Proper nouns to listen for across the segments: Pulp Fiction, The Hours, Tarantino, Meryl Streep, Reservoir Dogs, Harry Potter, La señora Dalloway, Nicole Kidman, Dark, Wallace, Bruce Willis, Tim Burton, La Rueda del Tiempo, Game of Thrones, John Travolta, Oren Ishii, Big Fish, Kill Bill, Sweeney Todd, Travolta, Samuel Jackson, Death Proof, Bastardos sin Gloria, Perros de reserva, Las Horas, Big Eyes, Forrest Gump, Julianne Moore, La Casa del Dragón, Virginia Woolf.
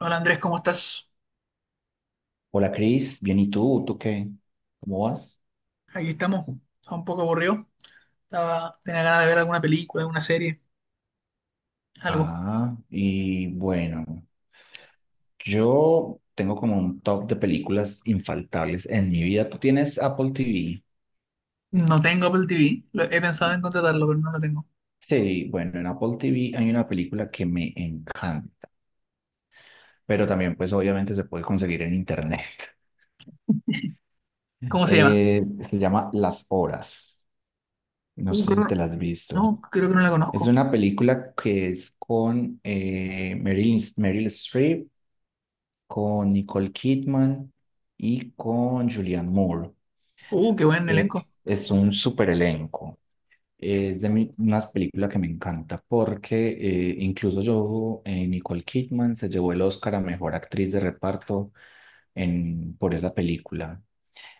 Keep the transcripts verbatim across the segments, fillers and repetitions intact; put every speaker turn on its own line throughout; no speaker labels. Hola Andrés, ¿cómo estás?
Hola Cris, bien, ¿y tú? ¿Tú qué? ¿Cómo vas?
Aquí estamos. Estaba un poco aburrido. Estaba, tenía ganas de ver alguna película, alguna serie, algo.
Ah, y bueno, yo tengo como un top de películas infaltables en mi vida. ¿Tú tienes Apple T V?
No tengo Apple T V. Lo- he pensado en contratarlo, pero no lo tengo.
Sí, bueno, en Apple T V hay una película que me encanta, pero también pues obviamente se puede conseguir en internet.
¿Cómo se llama?
Eh, se llama Las Horas. No
Uh,
sé si
creo-
te las has visto.
no, creo que no la
Es
conozco.
una película que es con eh, Meryl, Meryl Streep con Nicole Kidman y con Julianne Moore.
Uh, qué buen
Eh,
elenco.
es un super elenco. Es de mi- unas películas que me encanta porque eh, incluso yo, eh, Nicole Kidman se llevó el Oscar a Mejor Actriz de Reparto en, por esa película.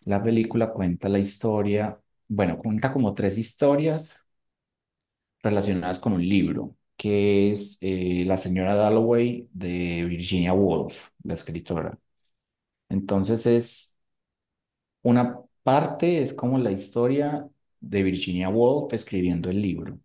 La película cuenta la historia, bueno, cuenta como tres historias relacionadas con un libro, que es eh, La señora Dalloway de Virginia Woolf, la escritora. Entonces es una parte es como la historia de Virginia Woolf escribiendo el libro,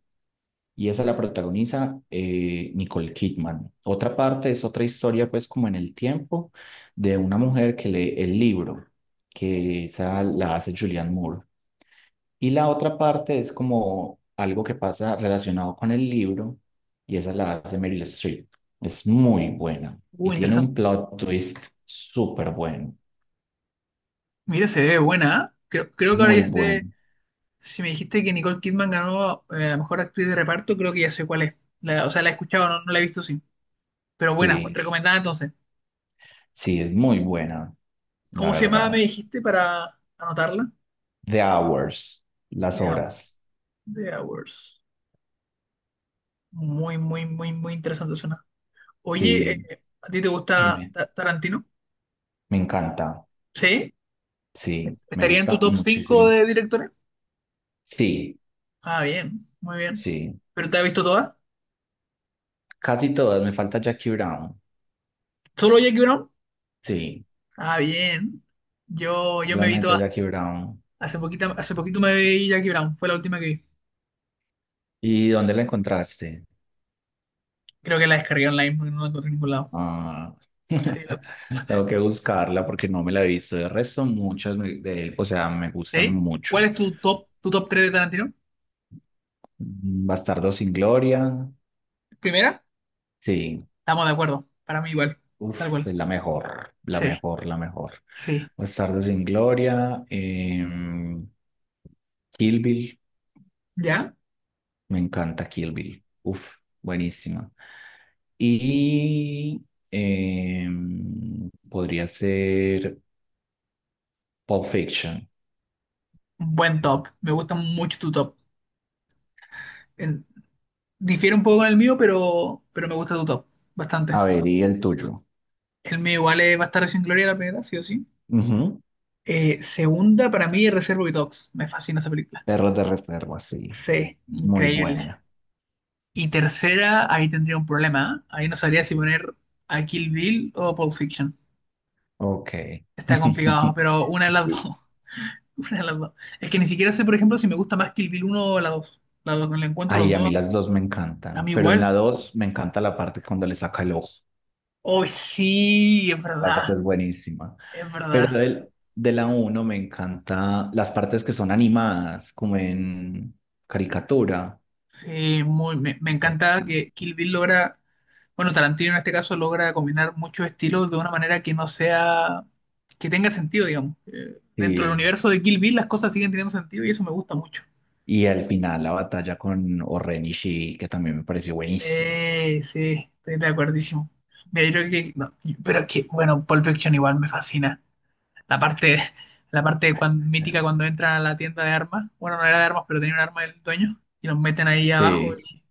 y esa la protagoniza eh, Nicole Kidman. Otra parte es otra historia, pues como en el tiempo, de una mujer que lee el libro, que esa la hace Julianne Moore. Y la otra parte es como algo que pasa relacionado con el libro, y esa la hace Meryl Streep. Es muy buena
Uh,
y tiene
interesante.
un plot twist súper bueno,
Mira, se ve buena, ¿eh? Creo, creo que ahora ya
muy bueno.
sé. Si me dijiste que Nicole Kidman ganó, eh, a mejor actriz de reparto, creo que ya sé cuál es. La- o sea, la he escuchado, no, no la he visto, sí. Pero buena, pues,
Sí.
recomendada entonces.
Sí, es muy buena, la
¿Cómo se llamaba, me
verdad.
dijiste, para anotarla?
The Hours, las
The Hour.
horas.
The Hours. Muy, muy, muy, muy interesante suena. Oye,
Sí,
eh, ¿a ti te gusta
dime,
Ta- Tarantino?
me encanta.
¿Sí?
Sí, me
¿Estaría en tu
gusta
top cinco
muchísimo.
de directores?
Sí,
Ah, bien, muy bien.
sí.
¿Pero te has visto todas?
Casi todas, me falta Jackie Brown.
¿Solo Jackie Brown?
Sí,
Ah, bien. Yo, yo me vi
solamente
todas.
Jackie Brown.
Hace poquito, hace poquito me vi Jackie Brown. Fue la última que vi.
¿Y dónde la encontraste?
Creo que la descargué online porque no la encontré en ningún lado.
Ah,
Sí, la-
tengo que buscarla porque no me la he visto. De resto, muchas me- de él, o sea, me gustan
¿Sí?
mucho.
¿Cuál es tu top, tu top tres de Tarantino?
Mm, Bastardo sin Gloria.
¿Primera?
Sí,
Estamos de acuerdo. Para mí igual.
uf,
Tal cual.
es la mejor, la
Sí,
mejor, la mejor.
sí.
Bastardos sin Gloria, em, Kill Bill,
¿Ya?
me encanta Kill Bill. Uf, buenísima. Y em, podría ser Pulp Fiction.
Buen top. Me gusta mucho tu top. en- Difiere un poco con el mío, pero, pero me gusta tu top, bastante.
A ver, y el tuyo.
El mío igual es Bastardos sin Gloria, la primera, sí o sí.
Ujú.
Eh, segunda, para mí, Reservoir Dogs. Me fascina esa película.
Perros de reserva, sí.
Sí,
Muy
increíble.
buena.
Y tercera, ahí tendría un problema, ¿eh? Ahí no sabría si poner a Kill Bill o Pulp Fiction.
Ok.
Está complicado, pero una de las dos. Una de las dos. Es que ni siquiera sé, por ejemplo, si me gusta más Kill Bill uno o la dos. La dos me la encuentro los
Ay, a
dos,
mí las dos me
a
encantan,
mí
pero en
igual.
la dos me encanta la parte cuando le saca el ojo.
Hoy sí, es
Parte
verdad,
es buenísima.
es verdad.
Pero del, de la uno me encanta las partes que son animadas, como en caricatura.
Sí, muy, me, me
Esas,
encanta que Kill Bill logra, bueno, Tarantino en este caso logra combinar muchos estilos de una manera que no sea, que tenga sentido, digamos. Eh, dentro del
sí.
universo de Kill Bill las cosas siguen teniendo sentido y eso me gusta mucho.
Y al final la batalla con Oren Ishii, que también me pareció buenísima.
Eh, sí, estoy de acuerdísimo. Mira, yo creo que, no, pero es que, bueno, Pulp Fiction igual me fascina. La parte, la parte cuan- mítica cuando entran a la tienda de armas, bueno, no era de armas, pero tenía un arma del dueño, y los meten ahí abajo
Sí.
y,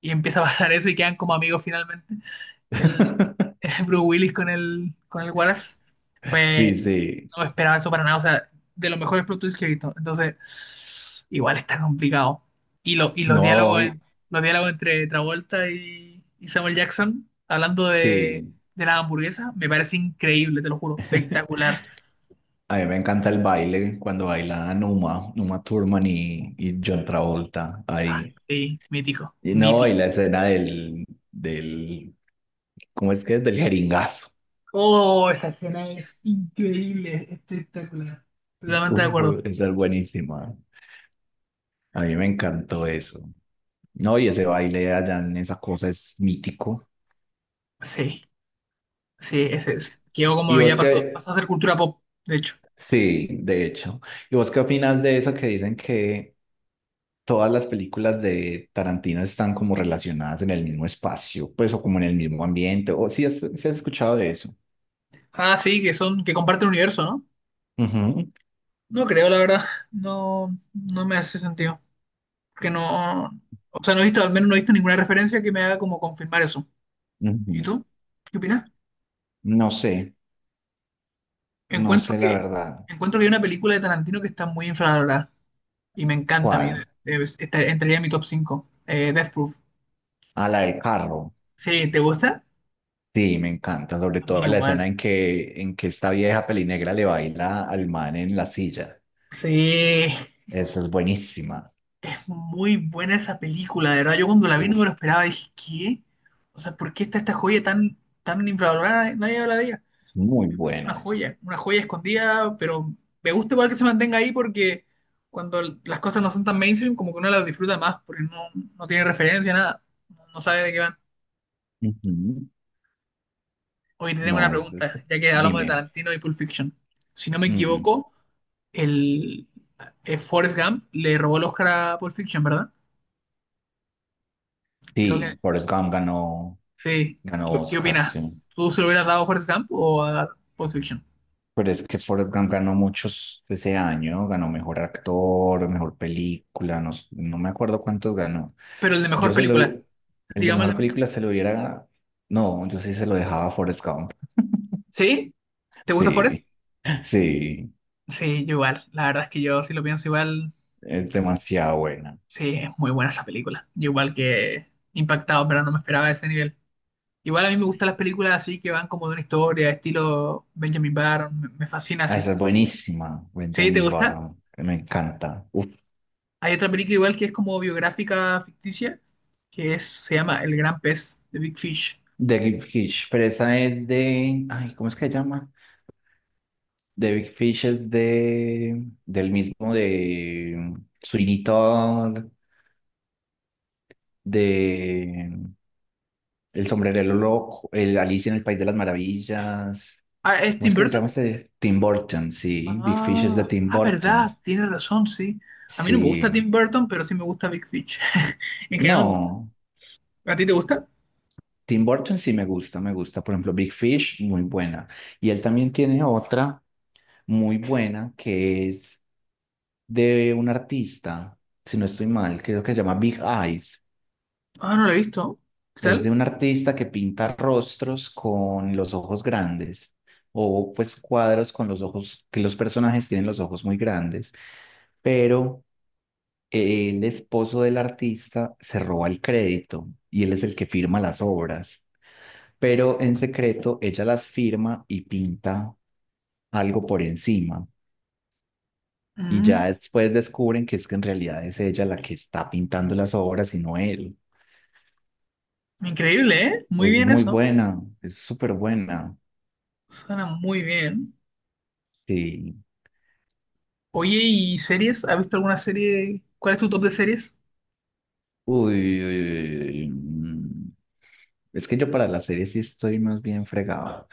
y empieza a pasar eso y quedan como amigos finalmente. El- Bruce Willis con el, con el Wallace.
Sí,
Fue,
sí.
no esperaba eso para nada, o sea, de los mejores plot twists que he visto. Entonces, igual está complicado. Y, lo, y los
No,
diálogos en-
y-
los diálogos entre Travolta y, y Samuel Jackson, hablando de,
sí.
de la hamburguesa, me parece increíble, te lo juro, espectacular.
A mí me encanta el baile cuando bailan Uma, Uma Thurman y, y John Travolta. Ahí
Sí, mítico,
y no, y
mítico.
la escena del, del, ¿cómo es que es? Del jeringazo.
Oh, esa escena es increíble, espectacular. Totalmente
Uf,
de acuerdo.
esa es buenísima. A mí me encantó eso. No, y ese baile allá en esa cosa es mítico.
Sí, sí, ese es. Quedó
Y
como ya
vos
pasó,
qué,
pasó a ser cultura pop, de hecho.
sí, de hecho. ¿Y vos qué opinas de eso que dicen que todas las películas de Tarantino están como relacionadas en el mismo espacio, pues o como en el mismo ambiente? ¿O si has, sí has escuchado de eso?
Ah, sí, que son, que comparten universo, ¿no?
Ujú,
No creo, la verdad. No, no me hace sentido. Porque no, o sea, no he visto, al menos no he visto ninguna referencia que me haga como confirmar eso.
ujú.
¿Y tú? ¿Qué opinas?
No sé, no
Encuentro
sé la
que,
verdad.
Encuentro que hay una película de Tarantino que está muy infravalorada. Y me encanta a mí. De-
¿Cuál?
de- esta- entraría en mi top cinco. Eh, Death Proof.
A la del carro.
Sí, ¿te gusta?
Sí, me encanta. Sobre
A mí
todo la
igual.
escena en que, en que esta vieja pelinegra le baila al man en la silla.
Sí,
Esa es buenísima.
es muy buena esa película, de verdad. Yo cuando la vi no me
Uf,
lo esperaba, dije, ¿qué? O sea, ¿por qué está esta joya tan, tan infravalorada? Nadie habla de ella.
muy
Una
buena.
joya, una joya escondida, pero me gusta igual que se mantenga ahí porque cuando l- las cosas no son tan mainstream, como que uno las disfruta más porque no, no tiene referencia, nada, no no sabe de qué van.
Ujú.
Oye, te tengo una
No, es,
pregunta,
es-
ya que hablamos de
dime.
Tarantino y Pulp Fiction. Si no me
Mm,
equivoco, el, eh, Forrest Gump le robó el Oscar a Pulp Fiction, ¿verdad? Creo que
sí, Forrest Gump ganó,
sí.
ganó
¿Qué, qué
Oscar, sí.
opinas? ¿Tú se lo hubieras dado a Forrest Gump o a Pulp Fiction?
Pero es que Forrest Gump ganó muchos ese año, ganó mejor actor, mejor película, no, s- no me acuerdo cuántos ganó.
Pero el de
Yo
mejor
se lo,
película,
el de
digamos el de
mejor película
mejor.
se lo hubiera, no, yo sí se lo dejaba a Forrest Gump.
¿Sí? ¿Te gusta Forrest?
Sí, sí,
Sí, yo igual. La verdad es que yo, si lo pienso igual,
es demasiado buena.
sí, es muy buena esa película. Yo igual que impactado, pero no me esperaba ese nivel. Igual a mí me gustan las películas así que van como de una historia, estilo Benjamin Button me, me fascina
Ah,
así.
esa es buenísima,
¿Sí? ¿Te
Benjamin
gusta?
Button, me encanta. Uf,
Hay otra película igual que es como biográfica ficticia, que es, se llama El Gran Pez, de Big Fish.
The Gift Hitch, pero esa es de, ay, ¿cómo es que se llama? The Big Fish es de, del mismo de Sweeney Todd, de El Sombrerero Loco, el Alicia en el País de las Maravillas.
Ah, ¿es
¿Cómo es
Tim
que se
Burton?
llama este? Tim Burton, sí. Big Fish es de
Ah,
Tim
ah,
Burton.
verdad, tiene razón, sí. A mí no me gusta
Sí.
Tim Burton, pero sí me gusta Big Fish. En general no me gusta.
No,
¿A ti te gusta?
Tim Burton sí me gusta, me gusta. Por ejemplo, Big Fish, muy buena. Y él también tiene otra muy buena que es de un artista, si no estoy mal, creo que se llama Big Eyes.
Ah, no lo he visto. ¿Qué
Es
tal?
de un artista que pinta rostros con los ojos grandes o pues cuadros con los ojos, que los personajes tienen los ojos muy grandes, pero eh, el esposo del artista se roba el crédito y él es el que firma las obras, pero en secreto ella las firma y pinta algo por encima y
Mm,
ya después descubren que es que en realidad es ella la que está pintando las obras y no él.
increíble, ¿eh? Muy
Es
bien
muy
eso.
buena, es súper buena.
Suena muy bien.
Sí.
Oye, ¿y series? ¿Has visto alguna serie? ¿Cuál es tu top de series?
Uy, uy, uy, uy, mm. Es que yo para las series sí estoy más bien fregado.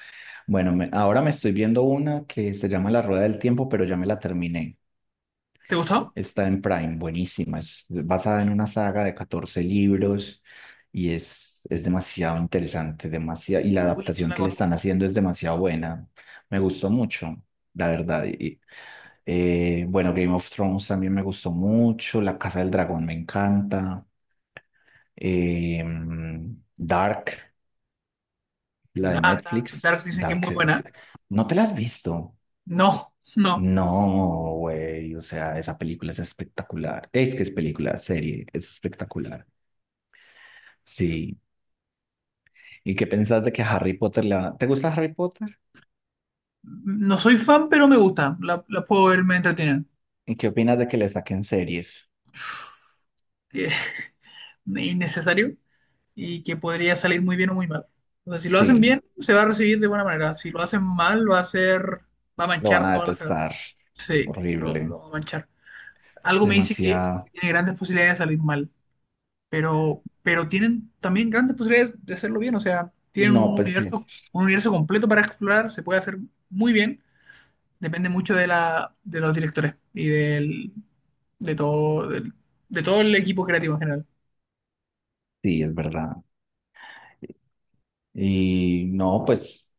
Bueno, me- ahora me estoy viendo una que se llama La Rueda del Tiempo, pero ya me la terminé.
¿Te gustó?
Está en Prime, buenísima. Es basada en una saga de catorce libros y es, es demasiado interesante, demasiado, y la
Uy, no
adaptación
la
que le están
conozco.
haciendo es demasiado buena. Me gustó mucho, la verdad. Y, eh, bueno, Game of Thrones también me gustó mucho, La Casa del Dragón me encanta. eh, Dark, la de
Ah, Dark,
Netflix.
Dark dicen que es
Dark,
muy
es-
buena.
¿no te la has visto?
No, no.
No, güey, o sea, esa película es espectacular. Es que es película, serie, es espectacular. Sí. ¿Y qué pensás de que Harry Potter la... ¿Te gusta Harry Potter?
No soy fan, pero me gusta. La, la puedo ver, me entretienen.
¿Y qué opinas de que le saquen series?
Que es innecesario y que podría salir muy bien o muy mal. O sea, si lo hacen
Sí,
bien, se va a recibir de buena manera. Si lo hacen mal, va a ser... Va a
lo van
manchar
a
toda la saga.
detestar.
Sí, lo,
Horrible.
lo va a manchar. Algo me dice que
Demasiado.
tiene grandes posibilidades de salir mal, pero, pero tienen también grandes posibilidades de hacerlo bien. O sea, tienen
No,
un
pues sí,
universo, un universo completo para explorar, se puede hacer muy bien. Depende mucho de la, de los directores y del, de todo, del- de todo el equipo creativo en general.
sí, es verdad. Y no, pues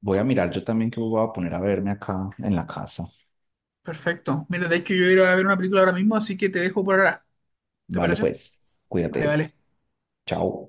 voy a mirar yo también que voy a poner a verme acá en la casa.
Perfecto. Mira, de hecho yo iré a ver una película ahora mismo, así que te dejo por ahora. ¿Te
Vale,
parece?
pues,
Vale,
cuídate.
vale.
Chao.